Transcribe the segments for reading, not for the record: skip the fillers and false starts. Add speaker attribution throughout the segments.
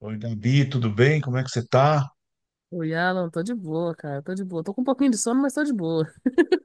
Speaker 1: Oi, Gabi, tudo bem? Como é que você tá?
Speaker 2: Oi, Alan, tô de boa, cara, tô de boa. Tô com um pouquinho de sono, mas tô de boa.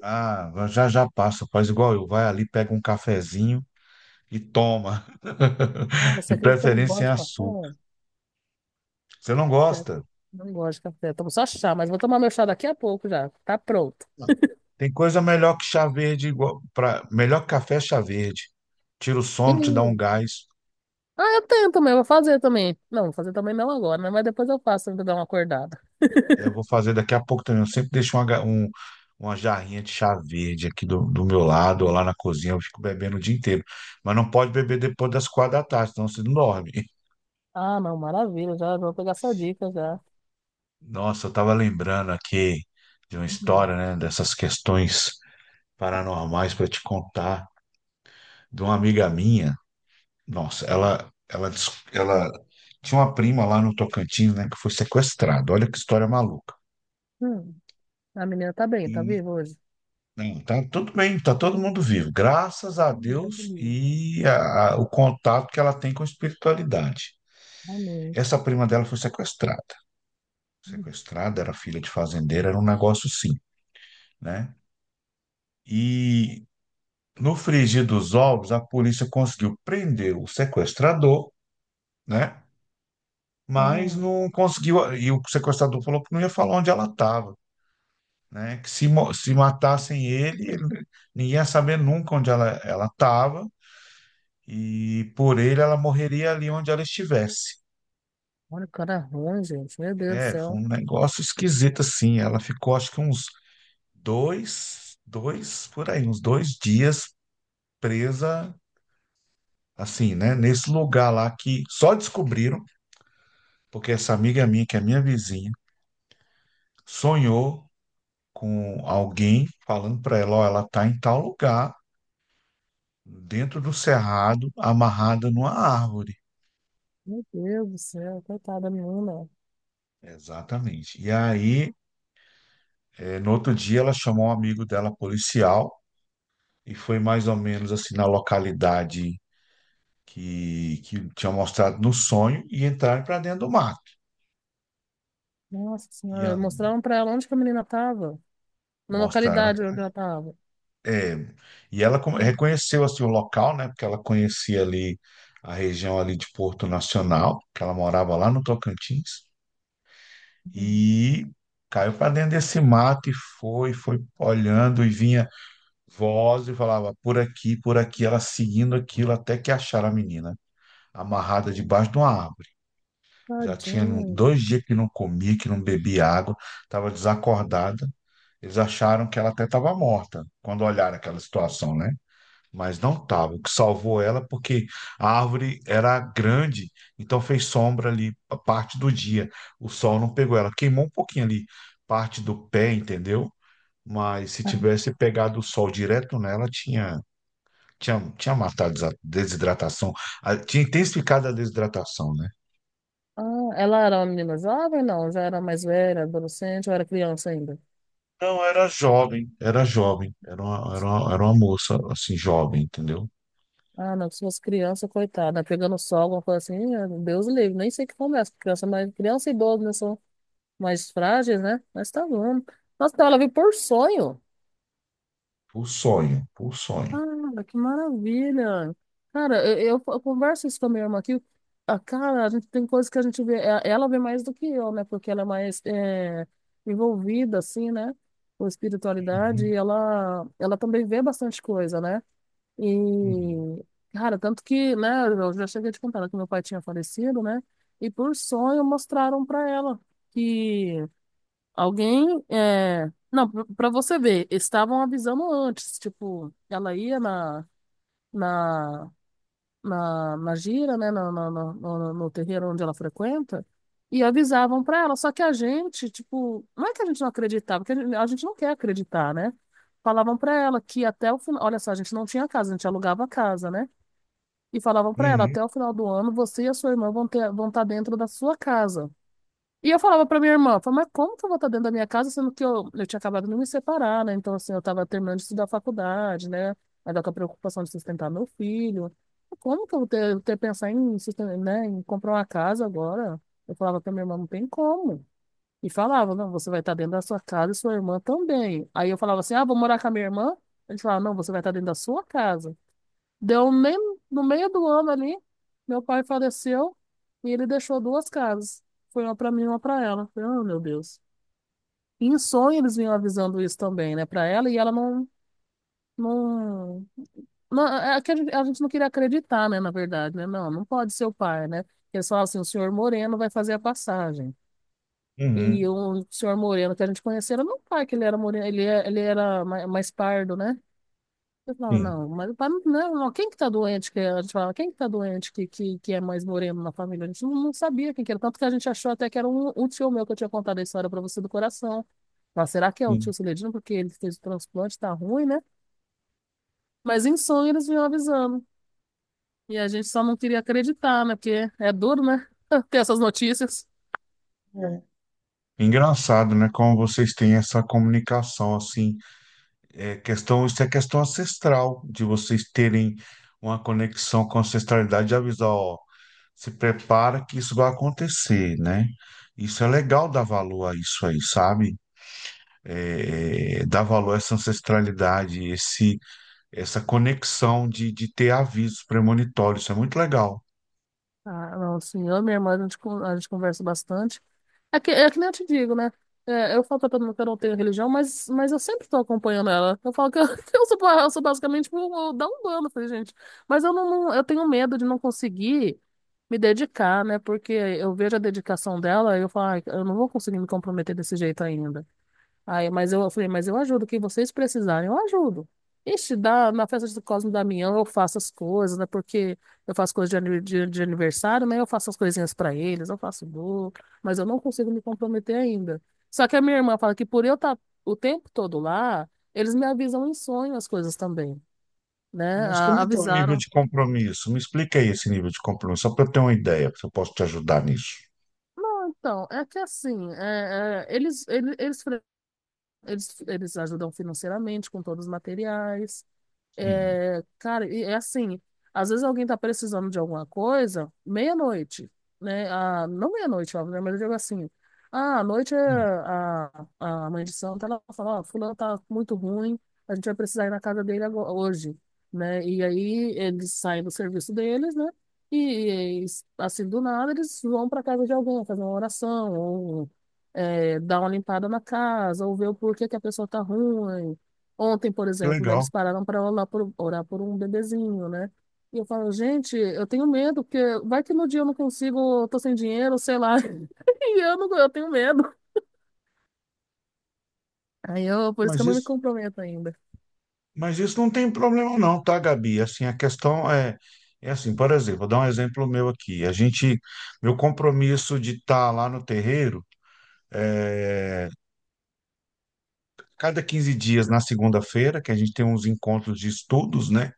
Speaker 1: Ah, já já passa, faz igual eu. Vai ali, pega um cafezinho e toma.
Speaker 2: Ah, você
Speaker 1: De
Speaker 2: acredita que eu não
Speaker 1: preferência sem
Speaker 2: gosto de café?
Speaker 1: açúcar. Você não
Speaker 2: Pior que
Speaker 1: gosta?
Speaker 2: eu não gosto de café. Tomo só chá, mas vou tomar meu chá daqui a pouco já. Tá pronto.
Speaker 1: Tem coisa melhor que chá verde, igual pra, melhor que café é chá verde. Tira o
Speaker 2: E...
Speaker 1: sono, te dá um gás.
Speaker 2: Ah, eu tenho também, eu vou fazer também. Não, vou fazer também não agora, né? Mas depois eu faço, ainda dar uma acordada.
Speaker 1: É, eu vou fazer daqui a pouco também. Eu sempre deixo uma, uma jarrinha de chá verde aqui do meu lado, ou lá na cozinha. Eu fico bebendo o dia inteiro. Mas não pode beber depois das 4 da tarde, senão você não dorme.
Speaker 2: Ah, não, maravilha, já vou pegar essa dica já.
Speaker 1: Nossa, eu estava lembrando aqui de uma
Speaker 2: Uhum.
Speaker 1: história, né, dessas questões paranormais para te contar, de uma amiga minha. Nossa, ela tinha uma prima lá no Tocantins, né, que foi sequestrada. Olha que história maluca.
Speaker 2: Hum. A menina tá bem, tá
Speaker 1: E
Speaker 2: viva hoje?
Speaker 1: não, tá tudo bem, tá todo mundo vivo, graças a
Speaker 2: Tá
Speaker 1: Deus
Speaker 2: viva.
Speaker 1: e o contato que ela tem com a espiritualidade.
Speaker 2: Amém.
Speaker 1: Essa prima dela foi sequestrada.
Speaker 2: Hum.
Speaker 1: Sequestrada, era filha de fazendeiro, era um negócio sim, né? E no frigir dos ovos, a polícia conseguiu prender o sequestrador, né? Mas
Speaker 2: Aham.
Speaker 1: não conseguiu. E o sequestrador falou que não ia falar onde ela estava, né? Que se, se matassem ele, ninguém ia saber nunca onde ela estava. E por ele, ela morreria ali onde ela estivesse.
Speaker 2: Olha o cara ruim, gente. Meu Deus do
Speaker 1: É, foi
Speaker 2: céu.
Speaker 1: um negócio esquisito assim. Ela ficou, acho que uns 2 dias presa, assim, né? Nesse lugar lá que só descobriram porque essa amiga minha, que é minha vizinha, sonhou com alguém falando para ela, ó, ela tá em tal lugar, dentro do cerrado, amarrada numa árvore.
Speaker 2: Meu Deus do céu, coitada da menina.
Speaker 1: Exatamente. E aí, no outro dia, ela chamou um amigo dela, policial, e foi mais ou menos assim na localidade que tinha mostrado no sonho e entraram para dentro do mato.
Speaker 2: Nossa
Speaker 1: E
Speaker 2: senhora,
Speaker 1: an-
Speaker 2: mostraram pra ela onde que a menina tava. Na
Speaker 1: mostraram.
Speaker 2: localidade onde ela tava.
Speaker 1: É, e ela reconheceu assim, o local, né? Porque ela conhecia ali a região ali de Porto Nacional, que ela morava lá no Tocantins,
Speaker 2: Uhum.
Speaker 1: e caiu para dentro desse mato e foi, foi olhando e vinha voz e falava por aqui, ela seguindo aquilo até que acharam a menina amarrada debaixo de uma árvore. Já tinha
Speaker 2: Tadinha.
Speaker 1: 2 dias que não comia, que não bebia água, estava desacordada. Eles acharam que ela até estava morta, quando olharam aquela situação, né? Mas não estava. O que salvou ela porque a árvore era grande, então fez sombra ali a parte do dia. O sol não pegou ela, queimou um pouquinho ali parte do pé, entendeu? Mas se tivesse pegado o sol direto nela, tinha matado a desidratação, tinha intensificado a desidratação, né?
Speaker 2: Ah, ela era uma menina jovem, não? Já era mais velha, adolescente, ou era criança ainda?
Speaker 1: Não, era jovem, era jovem, era uma moça, assim, jovem, entendeu?
Speaker 2: Ah, não, se fosse criança, coitada, pegando sol, alguma coisa assim, Deus livre, nem sei que começa, criança, mas criança e idoso, né, são mais frágeis, né? Mas tá bom. Nossa, então ela veio por sonho.
Speaker 1: Por sonho, por sonho.
Speaker 2: Cara, que maravilha! Cara, eu converso isso com a minha irmã aqui. Ah, cara, a gente tem coisas que a gente vê, ela vê mais do que eu, né? Porque ela é mais envolvida, assim, né? Com espiritualidade, e
Speaker 1: Uhum,
Speaker 2: ela também vê bastante coisa, né? E,
Speaker 1: uhum,
Speaker 2: cara, tanto que, né? Eu já cheguei a te contar né, que meu pai tinha falecido, né? E por sonho mostraram pra ela que alguém, não, pra você ver, estavam avisando antes, tipo, ela ia na na, na gira, né, no terreiro onde ela frequenta, e avisavam para ela. Só que a gente, tipo, não é que a gente não acreditava, porque a gente não quer acreditar, né? Falavam para ela que até o final, olha só, a gente não tinha casa, a gente alugava a casa, né? E falavam para ela,
Speaker 1: uhum,
Speaker 2: até o final do ano, você e a sua irmã vão ter, vão estar dentro da sua casa. E eu falava pra minha irmã, falava, mas como que eu vou estar dentro da minha casa, sendo que eu tinha acabado de me separar, né? Então, assim, eu estava terminando de estudar faculdade, né? Ainda com a preocupação de sustentar meu filho. Como que eu vou ter, ter pensar em, susten- né, em comprar uma casa agora? Eu falava pra minha irmã, não tem como. E falava, não, você vai estar dentro da sua casa e sua irmã também. Aí eu falava assim, ah, vou morar com a minha irmã? Eles falavam, não, você vai estar dentro da sua casa. Deu nem no meio do ano ali, meu pai faleceu e ele deixou duas casas. Foi uma pra mim e uma pra ela. Falei, oh, meu Deus. E em sonho eles vinham avisando isso também, né, pra ela e ela não, não, não é que a gente não queria acreditar, né, na verdade, né? Não, não pode ser o pai, né? Eles falavam assim, o senhor Moreno vai fazer a passagem. E
Speaker 1: uhum.
Speaker 2: o senhor Moreno que a gente conhecia era meu pai, que ele era moreno, ele era mais pardo, né? Eu falo,
Speaker 1: Sim,
Speaker 2: não, mas pra mim, não, não, quem que tá doente? Que a gente fala, quem que tá doente que é mais moreno na família? A gente não, não sabia quem que era, tanto que a gente achou até que era um tio meu que eu tinha contado a história pra você do coração. Mas será que é o tio
Speaker 1: sim.
Speaker 2: Celedino? Porque ele fez o transplante, tá ruim, né? Mas em sonho eles vinham avisando. E a gente só não queria acreditar, né? Porque é duro, né? Ter essas notícias.
Speaker 1: Engraçado, né? Como vocês têm essa comunicação, assim, é questão, isso é questão ancestral, de vocês terem uma conexão com a ancestralidade de avisar, ó, se prepara que isso vai acontecer, né? Isso é legal dar valor a isso aí, sabe? É, é, dar valor a essa ancestralidade, essa conexão de ter avisos premonitórios, isso é muito legal.
Speaker 2: Ah, não, assim, eu e minha irmã, a gente conversa bastante. É que nem eu te digo, né? É, eu falo pra todo mundo que eu não tenho religião, mas eu sempre tô acompanhando ela. Eu falo que eu, que eu sou, eu sou basicamente um da falei, gente. Mas eu tenho medo de não conseguir me dedicar, né? Porque eu vejo a dedicação dela e eu falo, "Ai, eu não vou conseguir me comprometer desse jeito ainda. Aí, mas eu falei, mas eu ajudo, o que vocês precisarem, eu ajudo. Ixi, dá, na festa do Cosmo e Damião eu faço as coisas, né? Porque eu faço coisas de, de aniversário, né? Eu faço as coisinhas pra eles, eu faço bolo, mas eu não consigo me comprometer ainda. Só que a minha irmã fala que por eu estar o tempo todo lá, eles me avisam em sonho as coisas também, né?
Speaker 1: Mas como é que é o nível
Speaker 2: Avisaram.
Speaker 1: de compromisso? Me explica aí esse nível de compromisso, só para eu ter uma ideia, se eu posso te ajudar nisso.
Speaker 2: Não, então, é que assim, eles ajudam financeiramente com todos os materiais.
Speaker 1: Sim,
Speaker 2: É, cara, e é assim, às vezes alguém tá precisando de alguma coisa, meia-noite, né? Ah, não meia-noite, óbvio, né? Mas eu digo assim, ah, à noite é
Speaker 1: sim,
Speaker 2: a mãe de santo, ela fala, ó, fulano tá muito ruim, a gente vai precisar ir na casa dele agora, hoje, né? E aí eles saem do serviço deles, né? E, e, assim, do nada, eles vão pra casa de alguém, fazer uma oração, ou dar uma limpada na casa, ou ver o porquê que a pessoa tá ruim. Ontem, por
Speaker 1: que
Speaker 2: exemplo, né, eles
Speaker 1: legal.
Speaker 2: pararam para orar orar por um bebezinho, né? E eu falo, gente, eu tenho medo, porque vai que no dia eu não consigo, eu tô sem dinheiro, sei lá. E eu não, eu tenho medo. Por isso que
Speaker 1: Mas
Speaker 2: eu não me
Speaker 1: isso.
Speaker 2: comprometo ainda.
Speaker 1: Mas isso não tem problema não, tá, Gabi? Assim, a questão é, é assim, por exemplo, vou dar um exemplo meu aqui. A gente, meu compromisso de estar lá no terreiro, é, cada 15 dias na segunda-feira, que a gente tem uns encontros de estudos, né?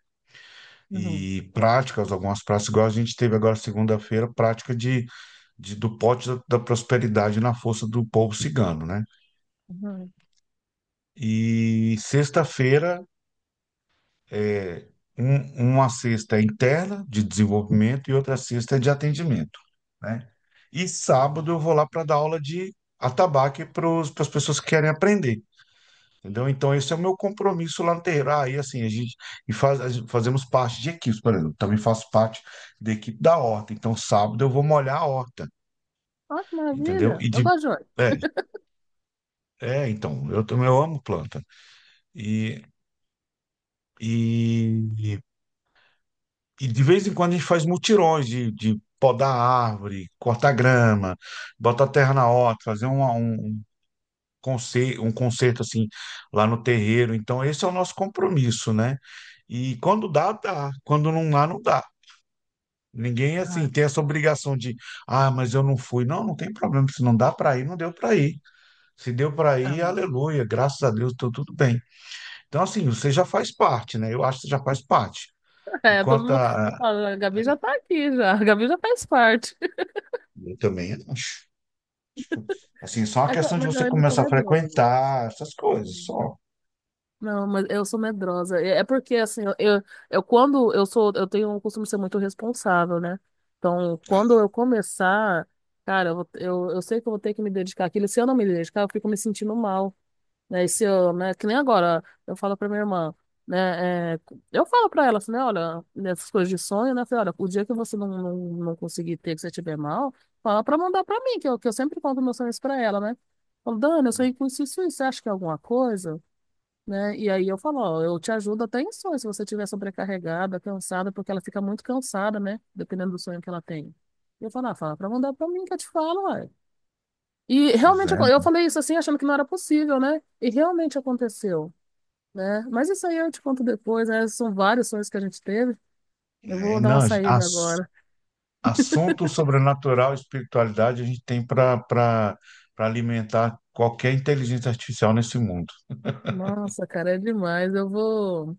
Speaker 2: Uhum,
Speaker 1: E práticas, algumas práticas, igual a gente teve agora segunda-feira, prática de, do pote da prosperidade na força do povo cigano, né?
Speaker 2: uhum.
Speaker 1: E sexta-feira é, uma cesta é interna de desenvolvimento e outra cesta é de atendimento, né? E sábado eu vou lá para dar aula de atabaque para as pessoas que querem aprender, entendeu? Então esse é o meu compromisso lá no terreiro. Ah, e assim, a gente e faz, a gente- fazemos parte de equipes, por exemplo, também faço parte da equipe da horta. Então sábado eu vou molhar a horta,
Speaker 2: Olha que
Speaker 1: entendeu?
Speaker 2: maravilha.
Speaker 1: E
Speaker 2: Eu gosto de olho.
Speaker 1: é, então, eu amo planta. E, e E de vez em quando a gente faz mutirões de podar árvore, cortar grama, botar terra na horta, fazer concerto, um concerto assim lá no terreiro. Então, esse é o nosso compromisso, né? E quando dá, dá. Quando não dá, não dá. Ninguém assim
Speaker 2: Ah,
Speaker 1: tem essa obrigação de, ah, mas eu não fui. Não, não tem problema. Se não dá para ir, não deu para ir. Se deu para
Speaker 2: ah.
Speaker 1: ir, aleluia, graças a Deus, tô tudo bem. Então, assim, você já faz parte, né? Eu acho que você já faz parte. E
Speaker 2: É, todo
Speaker 1: quanto
Speaker 2: mundo, eu
Speaker 1: a.
Speaker 2: falo, a Gabi já tá aqui já. A Gabi já faz parte.
Speaker 1: Eu também acho. Tipo, assim, só uma questão de
Speaker 2: Mas eu
Speaker 1: você
Speaker 2: ainda sou
Speaker 1: começar a
Speaker 2: medrosa.
Speaker 1: frequentar essas coisas,
Speaker 2: Hum.
Speaker 1: só.
Speaker 2: Não, mas eu sou medrosa. É porque, assim, eu quando eu tenho o costume de ser muito responsável, né? Então, quando eu começar, cara, eu sei que eu vou ter que me dedicar àquilo. Se eu não me dedicar, eu fico me sentindo mal né? se eu né? Que nem agora, eu falo pra minha irmã, né? Eu falo pra ela assim, né? Olha, nessas coisas de sonho, né? Eu falei, olha, o dia que você não, não, não conseguir ter, que você estiver mal, fala pra mandar pra mim, que eu sempre conto meus sonhos pra ela, né? Falo, Dani, eu sonhei com isso, isso, isso, você acha que é alguma coisa? Né? E aí eu falo, ó, eu te ajudo até em sonho, se você estiver sobrecarregada, cansada, porque ela fica muito cansada, né? Dependendo do sonho que ela tem. E eu falo, ah, fala pra mandar pra mim que eu te falo, ué. E
Speaker 1: Pois
Speaker 2: realmente
Speaker 1: é,
Speaker 2: eu
Speaker 1: não.
Speaker 2: falei isso assim, achando que não era possível, né? E realmente aconteceu, né? Mas isso aí eu te conto depois, né? São vários sonhos que a gente teve. Eu
Speaker 1: É,
Speaker 2: vou dar uma
Speaker 1: não,
Speaker 2: saída agora.
Speaker 1: assunto sobrenatural e espiritualidade a gente tem para para alimentar qualquer inteligência artificial nesse mundo.
Speaker 2: Nossa, cara, é demais.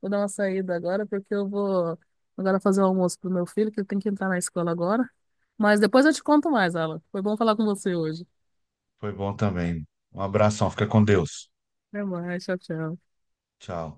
Speaker 2: Vou dar uma saída agora porque eu vou agora fazer o almoço pro meu filho, que ele tem que entrar na escola agora. Mas depois eu te conto mais, Alan. Foi bom falar com você hoje.
Speaker 1: Foi bom também. Um abração, fica com Deus.
Speaker 2: Até mais, tchau, tchau.
Speaker 1: Tchau.